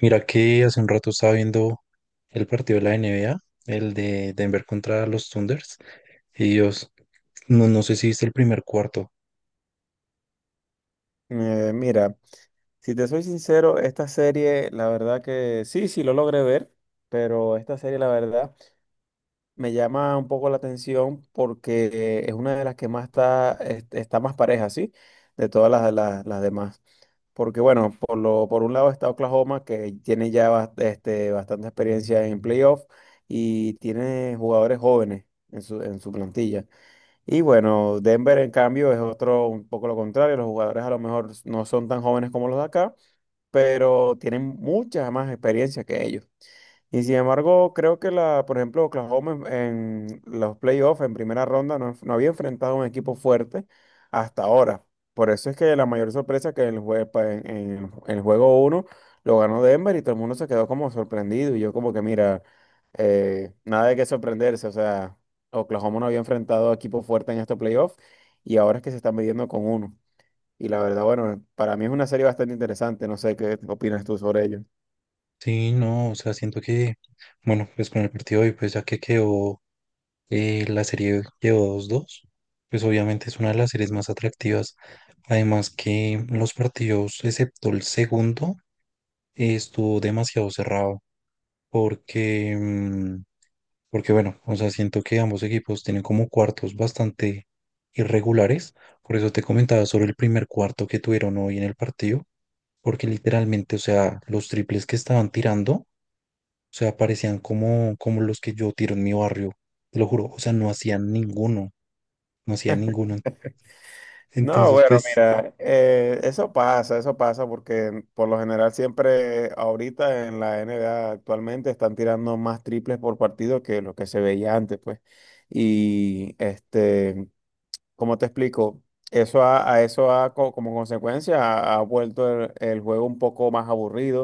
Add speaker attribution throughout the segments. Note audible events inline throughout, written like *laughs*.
Speaker 1: Mira que hace un rato estaba viendo el partido de la NBA, el de Denver contra los Thunders, y Dios, no, no sé si viste el primer cuarto.
Speaker 2: Mira, si te soy sincero, esta serie, la verdad que sí, sí lo logré ver, pero esta serie, la verdad, me llama un poco la atención porque es una de las que más está más pareja, ¿sí? De todas las demás. Porque bueno, por un lado está Oklahoma, que tiene ya bastante experiencia en playoff y tiene jugadores jóvenes en su plantilla. Y bueno, Denver en cambio es otro un poco lo contrario, los jugadores a lo mejor no son tan jóvenes como los de acá, pero tienen muchas más experiencia que ellos. Y sin embargo, creo que por ejemplo, Oklahoma en los playoffs, en primera ronda, no, no había enfrentado a un equipo fuerte hasta ahora. Por eso es que la mayor sorpresa que en el, jue- pa- en- el juego uno lo ganó Denver y todo el mundo se quedó como sorprendido. Y yo como que, mira, nada de qué sorprenderse. O sea, Oklahoma no había enfrentado a equipo fuerte en estos playoffs y ahora es que se están midiendo con uno. Y la verdad, bueno, para mí es una serie bastante interesante. No sé qué opinas tú sobre ello.
Speaker 1: Sí, no, o sea, siento que, bueno, pues con el partido de hoy, pues ya que quedó, la serie quedó 2-2, pues obviamente es una de las series más atractivas. Además que los partidos, excepto el segundo, estuvo demasiado cerrado, porque, mm, porque bueno, o sea, siento que ambos equipos tienen como cuartos bastante irregulares. Por eso te comentaba sobre el primer cuarto que tuvieron hoy en el partido. Porque literalmente, o sea, los triples que estaban tirando, o sea, parecían como, como los que yo tiro en mi barrio. Te lo juro, o sea, no hacían ninguno. No hacían ninguno.
Speaker 2: No,
Speaker 1: Entonces,
Speaker 2: bueno,
Speaker 1: pues,
Speaker 2: mira, eso pasa porque por lo general siempre ahorita en la NBA actualmente están tirando más triples por partido que lo que se veía antes, pues. Y ¿cómo te explico? Eso ha- a, eso ha, co- como consecuencia ha vuelto el juego un poco más aburrido.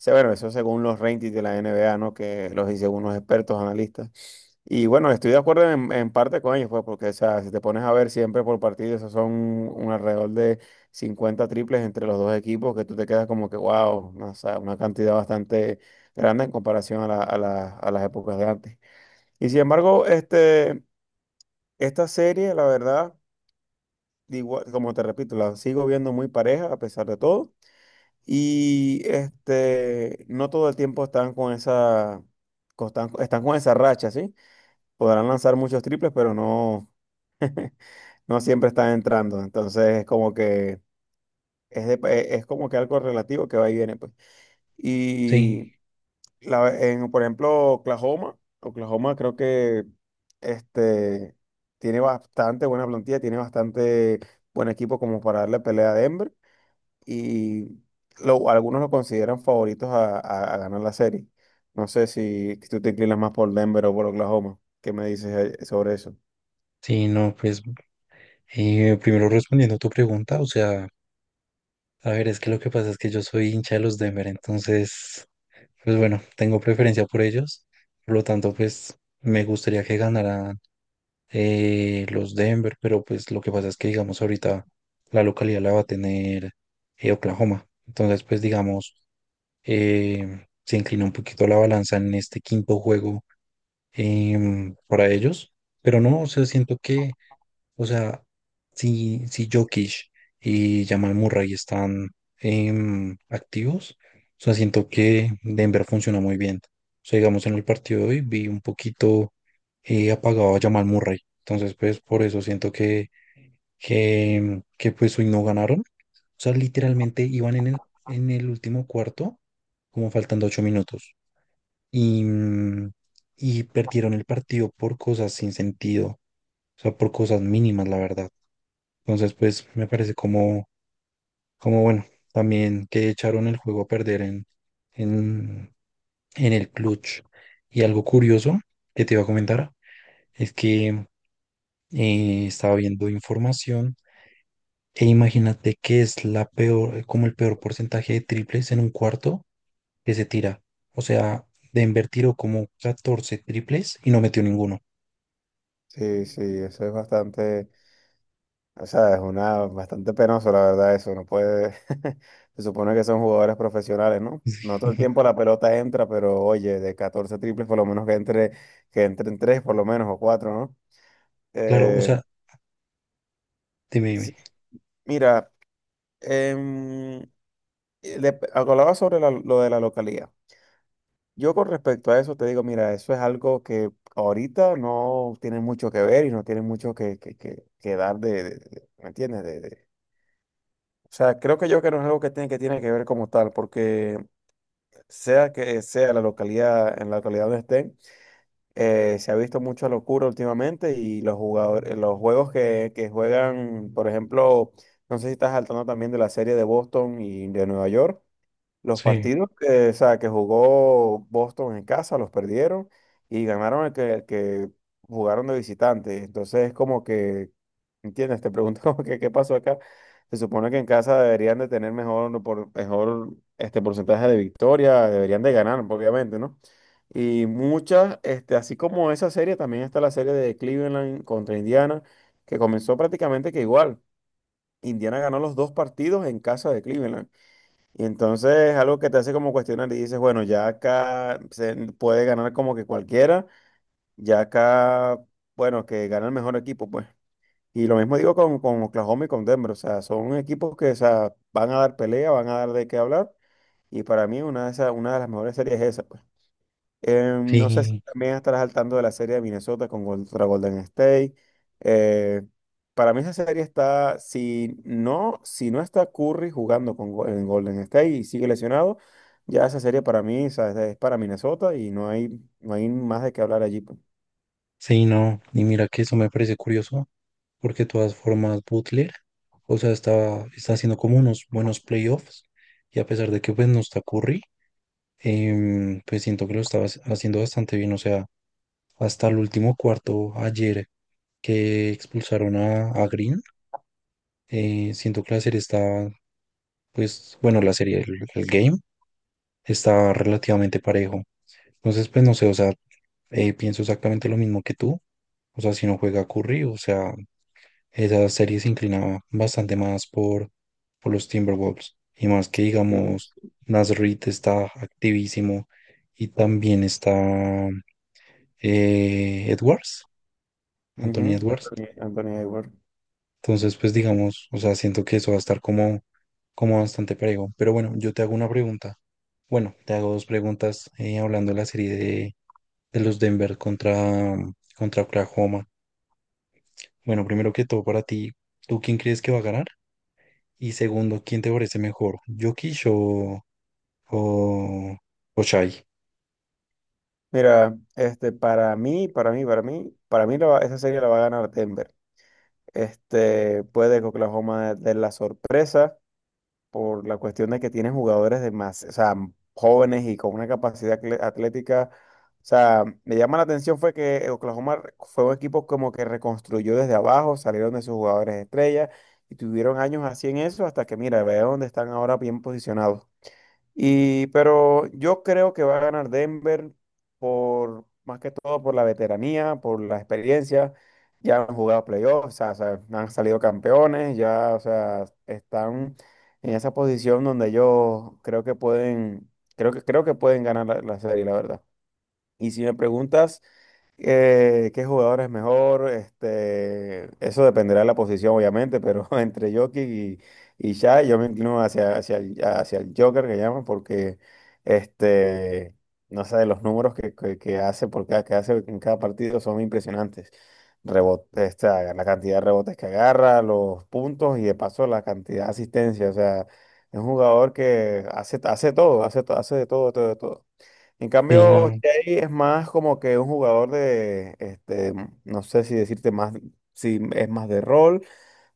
Speaker 2: O sea, bueno, eso según los ratings de la NBA, ¿no? Que los dice unos expertos analistas. Y bueno, estoy de acuerdo en parte con ellos, pues, porque o sea, si te pones a ver siempre por partido, esos son un alrededor de 50 triples entre los dos equipos, que tú te quedas como que, wow, o sea, una cantidad bastante grande en comparación a las épocas de antes. Y sin embargo, esta serie, la verdad, igual, como te repito, la sigo viendo muy pareja a pesar de todo. Y no todo el tiempo están están con esa racha, ¿sí? Podrán lanzar muchos triples, pero no. *laughs* No siempre están entrando, entonces es como que es como que algo relativo que va y viene, pues.
Speaker 1: sí,
Speaker 2: Y por ejemplo, Oklahoma creo que este, tiene bastante buena plantilla, tiene bastante buen equipo como para darle pelea a Denver y algunos lo consideran favoritos a ganar la serie. No sé si tú te inclinas más por Denver o por Oklahoma. ¿Qué me dices sobre eso?
Speaker 1: sí, no, pues, primero respondiendo a tu pregunta, o sea... A ver, es que lo que pasa es que yo soy hincha de los Denver, entonces, pues bueno, tengo preferencia por ellos. Por lo tanto, pues me gustaría que ganaran los Denver, pero pues lo que pasa es que, digamos, ahorita la localidad la va a tener Oklahoma. Entonces, pues digamos, se inclina un poquito la balanza en este quinto juego para ellos, pero no, o sea, siento que o sea, si Jokic y Jamal Murray están activos, o sea, siento que Denver funciona muy bien. O sea, digamos, en el partido de hoy vi un poquito apagado a Jamal Murray. Entonces, pues, por eso siento que, que pues hoy no ganaron. O sea, literalmente iban en el último cuarto, como faltando 8 minutos. Y, mm, y perdieron el partido por cosas sin sentido, o sea, por cosas mínimas, la verdad. Entonces, pues me parece como, como bueno, también que echaron el juego a perder en, en el clutch. Y algo curioso que te iba a comentar es que estaba viendo información e imagínate que es la peor, como el peor porcentaje de triples en un cuarto que se tira. O sea, de tiró como 14 triples y no metió ninguno.
Speaker 2: Sí, sí, eso es bastante. O sea, es una bastante penoso, la verdad, eso. No puede. *laughs* Se supone que son jugadores profesionales, ¿no? No todo el
Speaker 1: Ujú.
Speaker 2: tiempo la pelota entra, pero oye, de 14 triples, por lo menos que entre, que entren tres, por lo menos, o cuatro, ¿no?
Speaker 1: Claro, o
Speaker 2: Eh,
Speaker 1: sea, dime, dime.
Speaker 2: sí, mira, em, hablaba sobre lo de la localidad. Yo con respecto a eso te digo, mira, eso es algo que ahorita no tiene mucho que ver y no tiene mucho que dar ¿me entiendes? O sea, creo que yo que no es algo que tiene que ver como tal, porque sea que sea la localidad, en la localidad donde estén, se ha visto mucha locura últimamente y los jugadores, los juegos que juegan, por ejemplo, no sé si estás saltando también de la serie de Boston y de Nueva York, los
Speaker 1: Sí,
Speaker 2: partidos que, o sea, que jugó Boston en casa los perdieron y ganaron el que jugaron de visitante. Entonces es como que, ¿entiendes? Te pregunto *laughs* como que qué pasó acá. Se supone que en casa deberían de tener mejor este porcentaje de victoria, deberían de ganar, obviamente, ¿no? Y así como esa serie, también está la serie de Cleveland contra Indiana, que comenzó prácticamente que igual. Indiana ganó los dos partidos en casa de Cleveland. Y entonces es algo que te hace como cuestionar y dices, bueno, ya acá se puede ganar como que cualquiera, ya acá, bueno, que gana el mejor equipo, pues. Y lo mismo digo con Oklahoma y con Denver, o sea, son equipos que, o sea, van a dar pelea, van a dar de qué hablar, y para mí una de esas, una de las mejores series es esa, pues. No sé si
Speaker 1: sí,
Speaker 2: también estarás al tanto de la serie de Minnesota contra Golden State. Eh, para mí esa serie está, si no está Curry jugando en Golden State y sigue lesionado, ya esa serie para mí, o sea, es para Minnesota y no hay más de qué hablar allí, pues.
Speaker 1: sí, no. Y mira que eso me parece curioso, porque de todas formas Butler, o sea, está, está haciendo como unos buenos playoffs, y a pesar de que pues no está Curry, pues siento que lo estaba haciendo bastante bien, o sea, hasta el último cuarto ayer que expulsaron a Green, siento que la serie está, pues, bueno, la serie, el game está relativamente parejo. Entonces, pues no sé, o sea, pienso exactamente lo mismo que tú. O sea, si no juega Curry, o sea, esa serie se inclinaba bastante más por los Timberwolves. Y más que,
Speaker 2: Y-
Speaker 1: digamos, Nasrid está activísimo y también está Edwards, Anthony
Speaker 2: Ujú.
Speaker 1: Edwards.
Speaker 2: Anthony Edwards.
Speaker 1: Entonces, pues digamos, o sea, siento que eso va a estar como, como bastante parejo. Pero bueno, yo te hago una pregunta. Bueno, te hago dos preguntas hablando de la serie de los Denver contra, contra Oklahoma. Bueno, primero que todo, para ti, ¿tú quién crees que va a ganar? Y segundo, ¿quién te parece mejor? ¿Jokic o, o Shai?
Speaker 2: Mira, para mí esa serie la va a ganar Denver. Puede que Oklahoma dé la sorpresa. Por la cuestión de que tienen jugadores de más, o sea, jóvenes y con una capacidad atlética. O sea, me llama la atención fue que Oklahoma fue un equipo como que reconstruyó desde abajo, salieron de sus jugadores estrella y tuvieron años así en eso hasta que, mira, ve dónde están ahora bien posicionados. Pero yo creo que va a ganar Denver más que todo por la veteranía, por la experiencia. Ya han jugado playoffs, o sea, han salido campeones, ya, o sea, están en esa posición donde ellos creo que pueden ganar la serie, la verdad. Y si me preguntas qué jugador es mejor, eso dependerá de la posición, obviamente, pero *laughs* entre Jokic y Shai, yo me inclino hacia el Joker que llaman, porque este, no sé, los números que hace que hace en cada partido son impresionantes. Rebote, la cantidad de rebotes que agarra, los puntos y de paso la cantidad de asistencia. O sea, es un jugador que hace de todo, de todo, de todo. En
Speaker 1: Sí,
Speaker 2: cambio,
Speaker 1: no,
Speaker 2: Jay es más como que un jugador no sé si decirte más, si es más de rol,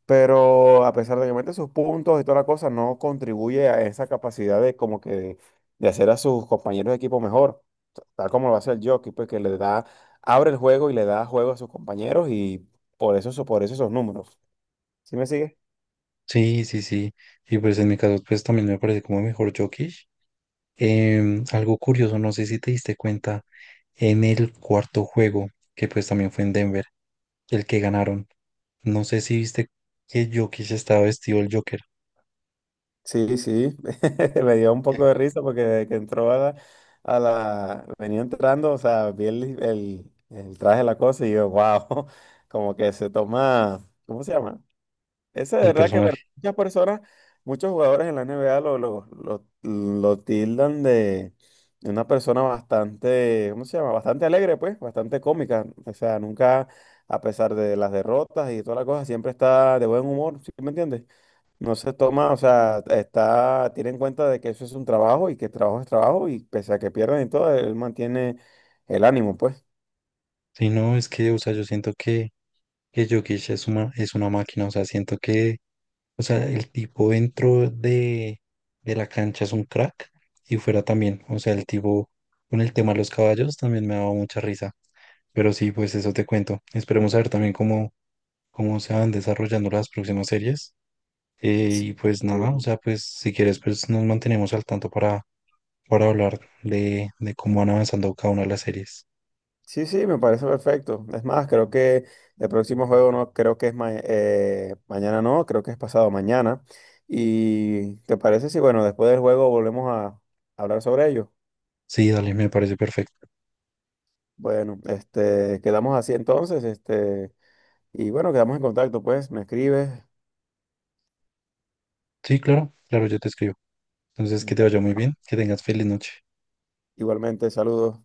Speaker 2: pero a pesar de que mete sus puntos y toda la cosa, no contribuye a esa capacidad de como que de hacer a sus compañeros de equipo mejor, tal como lo hace el Jokic, pues que le da, abre el juego y le da juego a sus compañeros y por eso esos números. ¿Sí me sigue?
Speaker 1: sí, sí, sí. Y pues en mi caso, pues también me parece como mejor Jokic. Em, algo curioso, no sé si te diste cuenta, en el cuarto juego, que pues también fue en Denver, el que ganaron. No sé si viste que Jokic estaba vestido el Joker,
Speaker 2: Sí, sí, *laughs* me dio un poco
Speaker 1: el
Speaker 2: de risa porque desde que entró a venía entrando, o sea, vi el traje de la cosa y yo, wow, *laughs* como que se toma, ¿cómo se llama? Ese de verdad que
Speaker 1: personaje.
Speaker 2: muchas personas, muchos jugadores en la NBA lo tildan de una persona bastante, ¿cómo se llama? Bastante alegre, pues, bastante cómica, o sea, nunca, a pesar de las derrotas y toda la cosa, siempre está de buen humor, ¿sí me entiendes? No se toma, o sea, tiene en cuenta de que eso es un trabajo y que el trabajo es trabajo y pese a que pierdan y todo, él mantiene el ánimo, pues.
Speaker 1: Sí, no, es que, o sea, yo siento que Jokic es una máquina, o sea, siento que, o sea, el tipo dentro de la cancha es un crack y fuera también, o sea, el tipo con el tema de los caballos también me ha dado mucha risa, pero sí, pues eso te cuento. Esperemos a ver también cómo, cómo se van desarrollando las próximas series eh,
Speaker 2: Sí.
Speaker 1: y pues nada, o
Speaker 2: Eh,
Speaker 1: sea, pues si quieres, pues nos mantenemos al tanto para hablar de cómo van avanzando cada una de las series.
Speaker 2: Sí, sí, me parece perfecto. Es más, creo que el próximo juego no creo que es mañana, no, creo que es pasado mañana. ¿Y te parece si, bueno, después del juego volvemos a hablar sobre ello?
Speaker 1: Sí, dale, me parece perfecto.
Speaker 2: Bueno, quedamos así entonces, y bueno, quedamos en contacto, pues, me escribes.
Speaker 1: Sí, claro, claro, yo te escribo. Entonces, que te vaya muy bien, que tengas feliz noche.
Speaker 2: Igualmente, saludos.